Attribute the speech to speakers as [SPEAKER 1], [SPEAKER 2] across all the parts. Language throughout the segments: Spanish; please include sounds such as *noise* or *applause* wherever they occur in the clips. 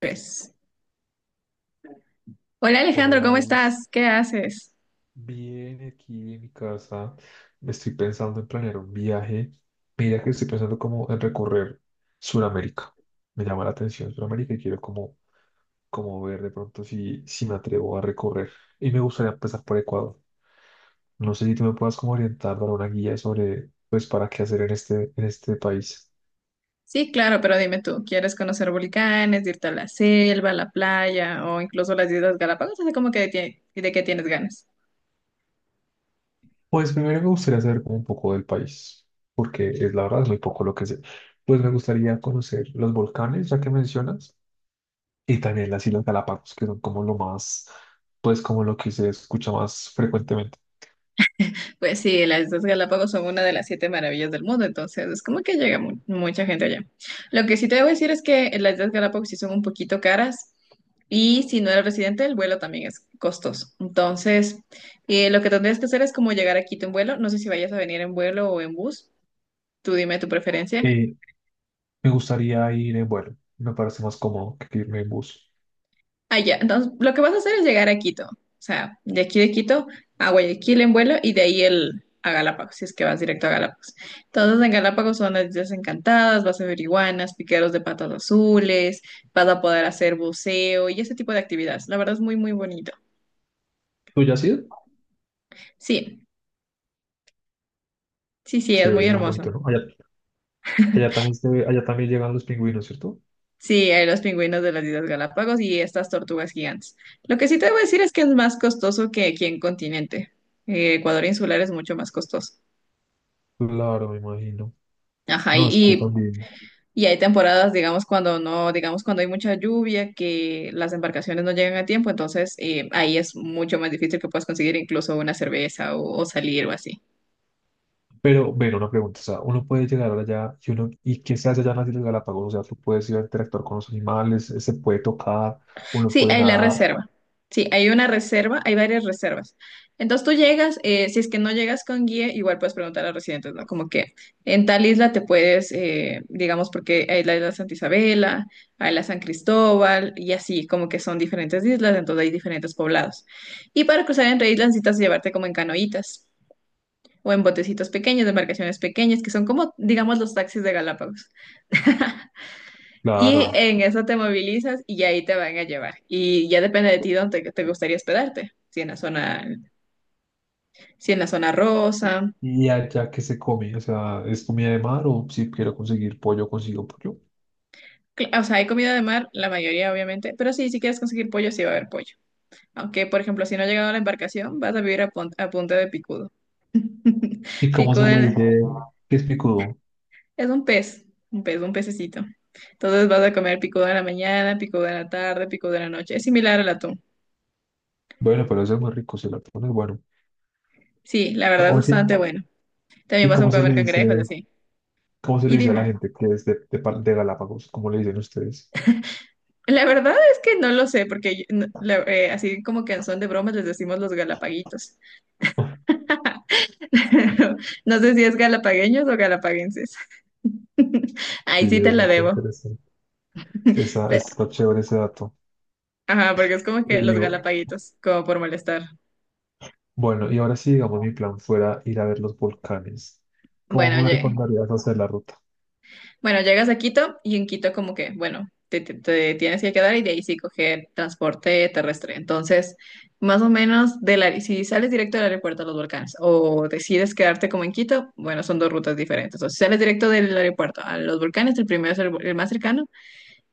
[SPEAKER 1] Pues. Hola
[SPEAKER 2] Hola
[SPEAKER 1] Alejandro, ¿cómo
[SPEAKER 2] Gladys,
[SPEAKER 1] estás? ¿Qué haces?
[SPEAKER 2] bien aquí en mi casa. Me estoy pensando en planear un viaje. Mira que estoy pensando como en recorrer Sudamérica. Me llama la atención Sudamérica y quiero como, como ver de pronto si me atrevo a recorrer. Y me gustaría empezar por Ecuador. No sé si tú me puedas como orientar, dar una guía sobre pues para qué hacer en este país.
[SPEAKER 1] Sí, claro, pero dime tú, ¿quieres conocer volcanes, irte a la selva, a la playa o incluso las Islas Galápagos? Así como que de qué tienes ganas.
[SPEAKER 2] Pues primero me gustaría saber como un poco del país, porque es la verdad es muy poco lo que sé. Pues me gustaría conocer los volcanes, ya que mencionas. Y también las Islas Galápagos, que son como lo más, pues como lo que se escucha más frecuentemente.
[SPEAKER 1] Pues sí, las Islas Galápagos son una de las siete maravillas del mundo, entonces es como que llega mucha gente allá. Lo que sí te debo decir es que las Islas Galápagos sí son un poquito caras y si no eres residente, el vuelo también es costoso. Entonces, lo que tendrías que hacer es como llegar a Quito en vuelo. No sé si vayas a venir en vuelo o en bus. Tú dime tu preferencia.
[SPEAKER 2] Eh, Me gustaría ir en vuelo, me parece más cómodo que irme en bus.
[SPEAKER 1] Allá, entonces lo que vas a hacer es llegar a Quito, o sea, de aquí de Quito a Guayaquil en vuelo y de ahí a Galápagos, si es que vas directo a Galápagos. Entonces en Galápagos son las Islas Encantadas, vas a ver iguanas, piqueros de patas azules, vas a poder hacer buceo y ese tipo de actividades. La verdad es muy, muy bonito.
[SPEAKER 2] ¿Tú ya has ido?
[SPEAKER 1] Sí, sí, sí, es muy
[SPEAKER 2] Chévere, es
[SPEAKER 1] hermoso.
[SPEAKER 2] bonito, ¿no? Allá, allá también llegan los pingüinos, ¿cierto?
[SPEAKER 1] Sí, hay los pingüinos de las Islas Galápagos y estas tortugas gigantes. Lo que sí te voy a decir es que es más costoso que aquí en continente. Ecuador insular es mucho más costoso.
[SPEAKER 2] Claro, me imagino.
[SPEAKER 1] Ajá,
[SPEAKER 2] No, es que
[SPEAKER 1] y,
[SPEAKER 2] también.
[SPEAKER 1] Y hay temporadas, digamos, cuando no, digamos, cuando hay mucha lluvia, que las embarcaciones no llegan a tiempo, entonces ahí es mucho más difícil que puedas conseguir incluso una cerveza o salir o así.
[SPEAKER 2] Pero, bueno, una pregunta, o sea, uno puede llegar allá y uno, ¿y qué se hace allá en las Islas Galápagos? O sea, tú puedes ir a interactuar con los animales, se puede tocar, uno
[SPEAKER 1] Sí,
[SPEAKER 2] puede
[SPEAKER 1] hay la
[SPEAKER 2] nadar.
[SPEAKER 1] reserva. Sí, hay una reserva, hay varias reservas. Entonces tú llegas, si es que no llegas con guía, igual puedes preguntar a los residentes, ¿no? Como que en tal isla te puedes, digamos, porque hay la isla Santa Isabela, hay la San Cristóbal y así, como que son diferentes islas, entonces hay diferentes poblados. Y para cruzar entre islas necesitas llevarte como en canoitas o en botecitos pequeños, de embarcaciones pequeñas, que son como, digamos, los taxis de Galápagos. *laughs* Y
[SPEAKER 2] Claro.
[SPEAKER 1] en eso te movilizas y ahí te van a llevar. Y ya depende de ti dónde te gustaría hospedarte. Si en la zona rosa.
[SPEAKER 2] Y allá que se come, o sea, es comida de mar o si quiero conseguir pollo, consigo pollo.
[SPEAKER 1] O sea, hay comida de mar, la mayoría obviamente. Pero sí, si quieres conseguir pollo, sí va a haber pollo. Aunque, por ejemplo, si no ha llegado a la embarcación, vas a vivir a punta de picudo. *laughs*
[SPEAKER 2] ¿Y cómo se
[SPEAKER 1] Picudo
[SPEAKER 2] le
[SPEAKER 1] en la-
[SPEAKER 2] dice que es picudo?
[SPEAKER 1] es un pez, un pececito. Entonces vas a comer picudo en la mañana, picudo en la tarde, picudo en la noche. Es similar al atún.
[SPEAKER 2] Bueno, pero eso es muy rico, se la pone bueno.
[SPEAKER 1] Sí, la
[SPEAKER 2] Ah,
[SPEAKER 1] verdad es
[SPEAKER 2] oye,
[SPEAKER 1] bastante bueno. También
[SPEAKER 2] ¿y
[SPEAKER 1] vas a
[SPEAKER 2] cómo se
[SPEAKER 1] comer
[SPEAKER 2] le
[SPEAKER 1] cangrejos,
[SPEAKER 2] dice,
[SPEAKER 1] así.
[SPEAKER 2] cómo se
[SPEAKER 1] Y
[SPEAKER 2] le dice a la
[SPEAKER 1] dime.
[SPEAKER 2] gente que es de Galápagos? ¿Cómo le dicen ustedes?
[SPEAKER 1] La verdad es que no lo sé, porque así como que en son de bromas les decimos los galapaguitos. *laughs* No sé si es galapagueños o galapaguenses. *laughs*
[SPEAKER 2] Sí,
[SPEAKER 1] Ahí sí te
[SPEAKER 2] eso
[SPEAKER 1] la
[SPEAKER 2] está
[SPEAKER 1] debo.
[SPEAKER 2] interesante. Esa,
[SPEAKER 1] Pe-
[SPEAKER 2] está chévere ese dato.
[SPEAKER 1] Ajá, porque es como que
[SPEAKER 2] Y
[SPEAKER 1] los galapaguitos, como por molestar.
[SPEAKER 2] bueno, y ahora sí, digamos, mi plan fuera ir a ver los volcanes.
[SPEAKER 1] Bueno,
[SPEAKER 2] ¿Cómo me
[SPEAKER 1] oye.
[SPEAKER 2] recomendarías hacer la ruta?
[SPEAKER 1] Bueno, llegas a Quito y en Quito como que, bueno, te tienes que quedar y de ahí sí coger transporte terrestre. Entonces, más o menos, si sales directo del aeropuerto a los Volcanes o decides quedarte como en Quito, bueno, son dos rutas diferentes. O si sales directo del aeropuerto a los Volcanes, el primero es el más cercano,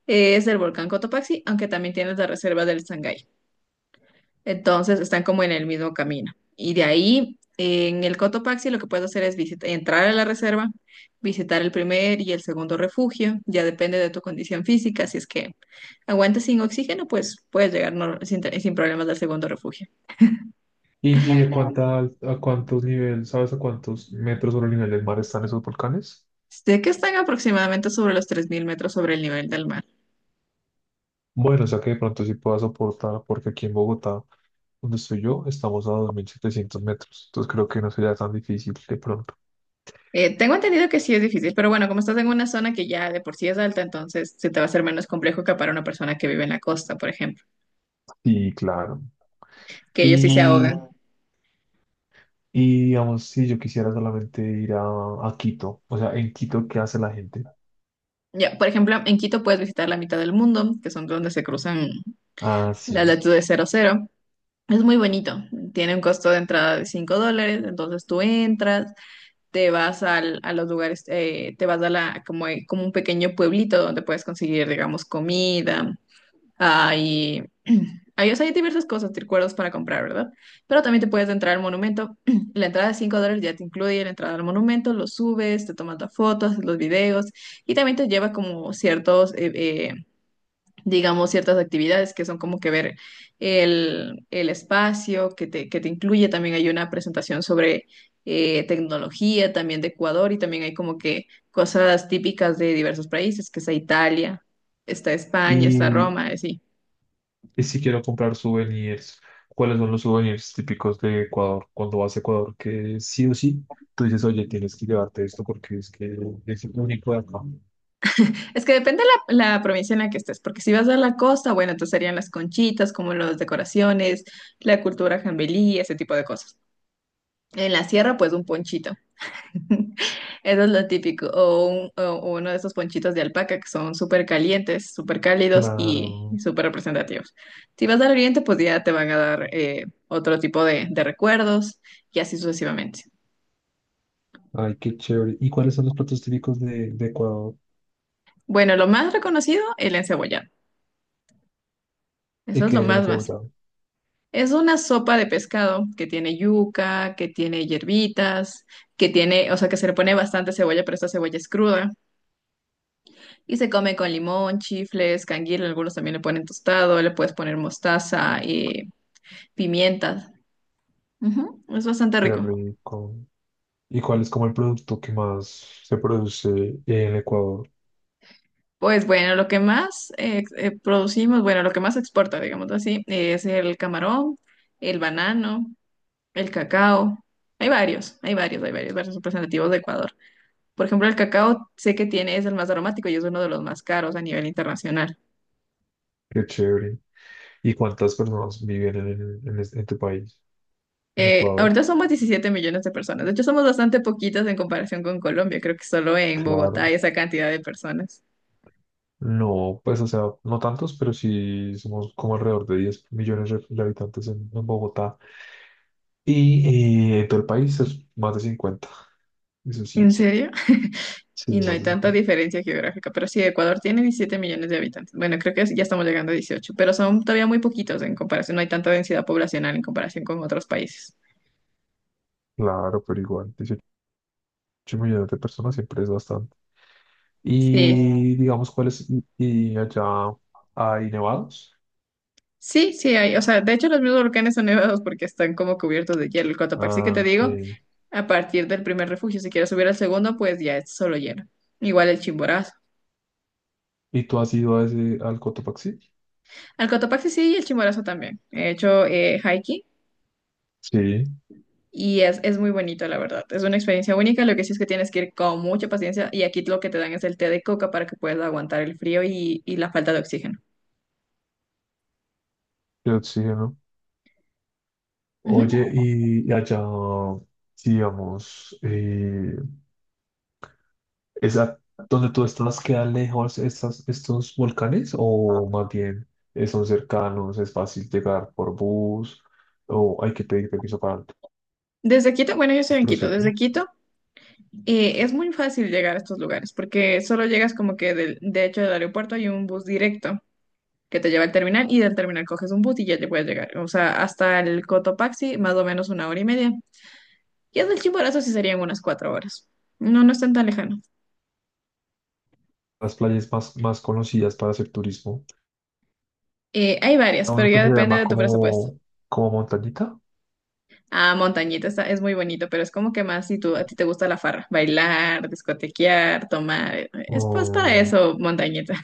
[SPEAKER 1] es el volcán Cotopaxi, aunque también tienes la reserva del Sangay. Entonces están como en el mismo camino. Y de ahí, en el Cotopaxi, lo que puedes hacer es entrar a la reserva, visitar el primer y el segundo refugio. Ya depende de tu condición física. Si es que aguantas sin oxígeno, pues puedes llegar sin problemas al segundo refugio.
[SPEAKER 2] Cuánta a cuántos niveles, sabes a cuántos metros sobre el nivel del mar están esos volcanes?
[SPEAKER 1] Sé que están aproximadamente sobre los 3.000 metros sobre el nivel del mar.
[SPEAKER 2] Bueno, o sea que de pronto sí pueda soportar, porque aquí en Bogotá, donde estoy yo, estamos a 2.700 metros. Entonces creo que no sería tan difícil de pronto.
[SPEAKER 1] Tengo entendido que sí es difícil, pero bueno, como estás en una zona que ya de por sí es alta, entonces se te va a hacer menos complejo que para una persona que vive en la costa, por ejemplo,
[SPEAKER 2] Sí, claro.
[SPEAKER 1] que ellos sí se
[SPEAKER 2] Y,
[SPEAKER 1] ahogan.
[SPEAKER 2] y digamos, si yo quisiera solamente ir a Quito, o sea, en Quito, ¿qué hace la gente?
[SPEAKER 1] Ya, por ejemplo, en Quito puedes visitar la mitad del mundo, que son donde se cruzan
[SPEAKER 2] Ah,
[SPEAKER 1] las
[SPEAKER 2] sí.
[SPEAKER 1] latitudes cero cero. Es muy bonito. Tiene un costo de entrada de $5, entonces tú entras, te vas a los lugares, te vas a como un pequeño pueblito donde puedes conseguir, digamos, comida. Ah, y *clears throat* hay, o sea, hay diversas cosas, recuerdos para comprar, ¿verdad? Pero también te puedes entrar al monumento. *clears throat* La entrada de $5 ya te incluye la entrada al monumento, lo subes, te tomas las fotos, haces los videos y también te lleva como ciertos, eh, digamos, ciertas actividades que son como que ver el espacio que te incluye. También hay una presentación sobre tecnología también de Ecuador y también hay como que cosas típicas de diversos países, que está Italia, está España, está
[SPEAKER 2] Y
[SPEAKER 1] Roma, así.
[SPEAKER 2] Y si quiero comprar souvenirs, ¿cuáles son los souvenirs típicos de Ecuador? Cuando vas a Ecuador, que sí o sí, tú dices, oye, tienes que llevarte esto porque es que es el único de acá.
[SPEAKER 1] Es que depende la provincia en la que estés, porque si vas a la costa, bueno, entonces serían las conchitas, como las decoraciones, la cultura jambelí, ese tipo de cosas. En la sierra, pues un ponchito. *laughs* Eso es lo típico. O uno de esos ponchitos de alpaca que son súper calientes, súper cálidos y
[SPEAKER 2] Claro.
[SPEAKER 1] súper representativos. Si vas al oriente, pues ya te van a dar otro tipo de recuerdos y así sucesivamente.
[SPEAKER 2] Ay, qué chévere. ¿Y cuáles son los platos típicos de Ecuador?
[SPEAKER 1] Bueno, lo más reconocido, el encebollado. Eso
[SPEAKER 2] ¿Y
[SPEAKER 1] es lo
[SPEAKER 2] qué es el
[SPEAKER 1] más más.
[SPEAKER 2] encebollado?
[SPEAKER 1] Es una sopa de pescado que tiene yuca, que tiene hierbitas, que tiene, o sea, que se le pone bastante cebolla, pero esta cebolla es cruda. Y se come con limón, chifles, canguil, algunos también le ponen tostado, le puedes poner mostaza y pimientas. Ujú, es bastante
[SPEAKER 2] Qué
[SPEAKER 1] rico.
[SPEAKER 2] rico. ¿Y cuál es como el producto que más se produce en Ecuador?
[SPEAKER 1] Pues bueno, lo que más producimos, bueno, lo que más exporta, digamos así, es el camarón, el banano, el cacao. Hay varios, varios representativos de Ecuador. Por ejemplo, el cacao sé que es el más aromático y es uno de los más caros a nivel internacional.
[SPEAKER 2] Qué chévere. ¿Y cuántas personas viven en, en tu país, en Ecuador?
[SPEAKER 1] Ahorita somos 17 millones de personas. De hecho, somos bastante poquitas en comparación con Colombia. Creo que solo en Bogotá
[SPEAKER 2] Claro.
[SPEAKER 1] hay esa cantidad de personas.
[SPEAKER 2] No, pues, o sea, no tantos, pero sí somos como alrededor de 10 millones de habitantes en Bogotá. Y en todo el país es más de cincuenta, eso
[SPEAKER 1] ¿En
[SPEAKER 2] sí.
[SPEAKER 1] serio?
[SPEAKER 2] Sí,
[SPEAKER 1] Y no
[SPEAKER 2] más
[SPEAKER 1] hay
[SPEAKER 2] de
[SPEAKER 1] tanta
[SPEAKER 2] cincuenta.
[SPEAKER 1] diferencia geográfica, pero sí, Ecuador tiene 17 millones de habitantes. Bueno, creo que ya estamos llegando a 18, pero son todavía muy poquitos en comparación. No hay tanta densidad poblacional en comparación con otros países.
[SPEAKER 2] Claro, pero igual, 18 millones de personas siempre es bastante.
[SPEAKER 1] Sí.
[SPEAKER 2] Y digamos, ¿cuáles? Y allá hay nevados.
[SPEAKER 1] Sí, sí hay, o sea, de hecho los mismos volcanes son nevados porque están como cubiertos de hielo. El Cotopaxi que
[SPEAKER 2] Ah,
[SPEAKER 1] te digo.
[SPEAKER 2] ok.
[SPEAKER 1] A partir del primer refugio, si quieres subir al segundo, pues ya es solo lleno. Igual el Chimborazo.
[SPEAKER 2] ¿Y tú has ido a ese, al Cotopaxi?
[SPEAKER 1] Al Cotopaxi sí y el Chimborazo también. He hecho hiking
[SPEAKER 2] Sí,
[SPEAKER 1] y es muy bonito, la verdad. Es una experiencia única. Lo que sí es que tienes que ir con mucha paciencia y aquí lo que te dan es el té de coca para que puedas aguantar el frío y la falta de oxígeno.
[SPEAKER 2] de oxígeno.
[SPEAKER 1] Ujú.
[SPEAKER 2] Oye, y allá, sí, digamos, ¿esa, donde tú estás, queda lejos estas, estos volcanes o más bien son cercanos, es fácil llegar por bus o hay que pedir permiso para
[SPEAKER 1] Desde Quito, bueno, yo estoy
[SPEAKER 2] el
[SPEAKER 1] en Quito.
[SPEAKER 2] proceso?
[SPEAKER 1] Desde Quito es muy fácil llegar a estos lugares porque solo llegas como que de hecho del aeropuerto hay un bus directo que te lleva al terminal y del terminal coges un bus y ya te puedes llegar. O sea, hasta el Cotopaxi, más o menos una hora y media. Y hasta el Chimborazo sí serían unas 4 horas. No, no es tan tan lejano.
[SPEAKER 2] Las playas más, más conocidas para hacer turismo,
[SPEAKER 1] Hay varias,
[SPEAKER 2] a
[SPEAKER 1] pero
[SPEAKER 2] uno que
[SPEAKER 1] ya
[SPEAKER 2] se
[SPEAKER 1] depende
[SPEAKER 2] llama
[SPEAKER 1] de tu presupuesto.
[SPEAKER 2] como, como Montañita.
[SPEAKER 1] Ah, Montañita es muy bonito, pero es como que más si a ti te gusta la farra, bailar, discotequear, tomar. Es más para
[SPEAKER 2] O
[SPEAKER 1] eso, Montañita.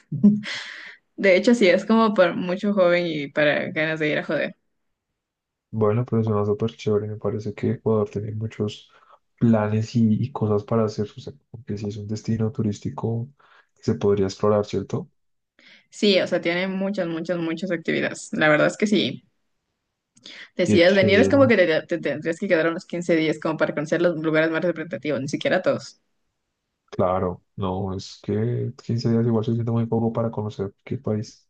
[SPEAKER 1] De hecho, sí, es como para mucho joven y para ganas de ir a joder.
[SPEAKER 2] bueno, pero suena súper chévere, me parece que Ecuador tiene muchos planes y cosas para hacer, o sea, como sí es un destino turístico que se podría explorar, ¿cierto?
[SPEAKER 1] Sí, o sea, tiene muchas, muchas, muchas actividades. La verdad es que sí.
[SPEAKER 2] Y es
[SPEAKER 1] Decidas venir, es como
[SPEAKER 2] chévere.
[SPEAKER 1] que te tendrías que quedar unos 15 días como para conocer los lugares más representativos, ni siquiera todos.
[SPEAKER 2] Claro, no, es que 15 días igual se siente muy poco para conocer qué país.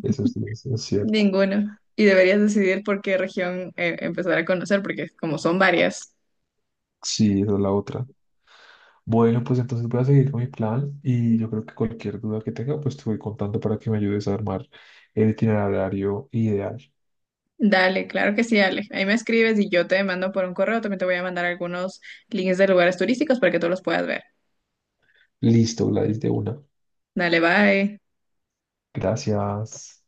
[SPEAKER 2] Eso es cierto.
[SPEAKER 1] Ninguno. Y deberías decidir por qué región empezar a conocer, porque como son varias.
[SPEAKER 2] Sí, esa es la otra. Bueno, pues entonces voy a seguir con mi plan y yo creo que cualquier duda que tenga, pues te voy contando para que me ayudes a armar el itinerario ideal.
[SPEAKER 1] Dale, claro que sí, Ale. Ahí me escribes y yo te mando por un correo. También te voy a mandar algunos links de lugares turísticos para que tú los puedas ver.
[SPEAKER 2] Listo, Gladys, de una.
[SPEAKER 1] Dale, bye.
[SPEAKER 2] Gracias.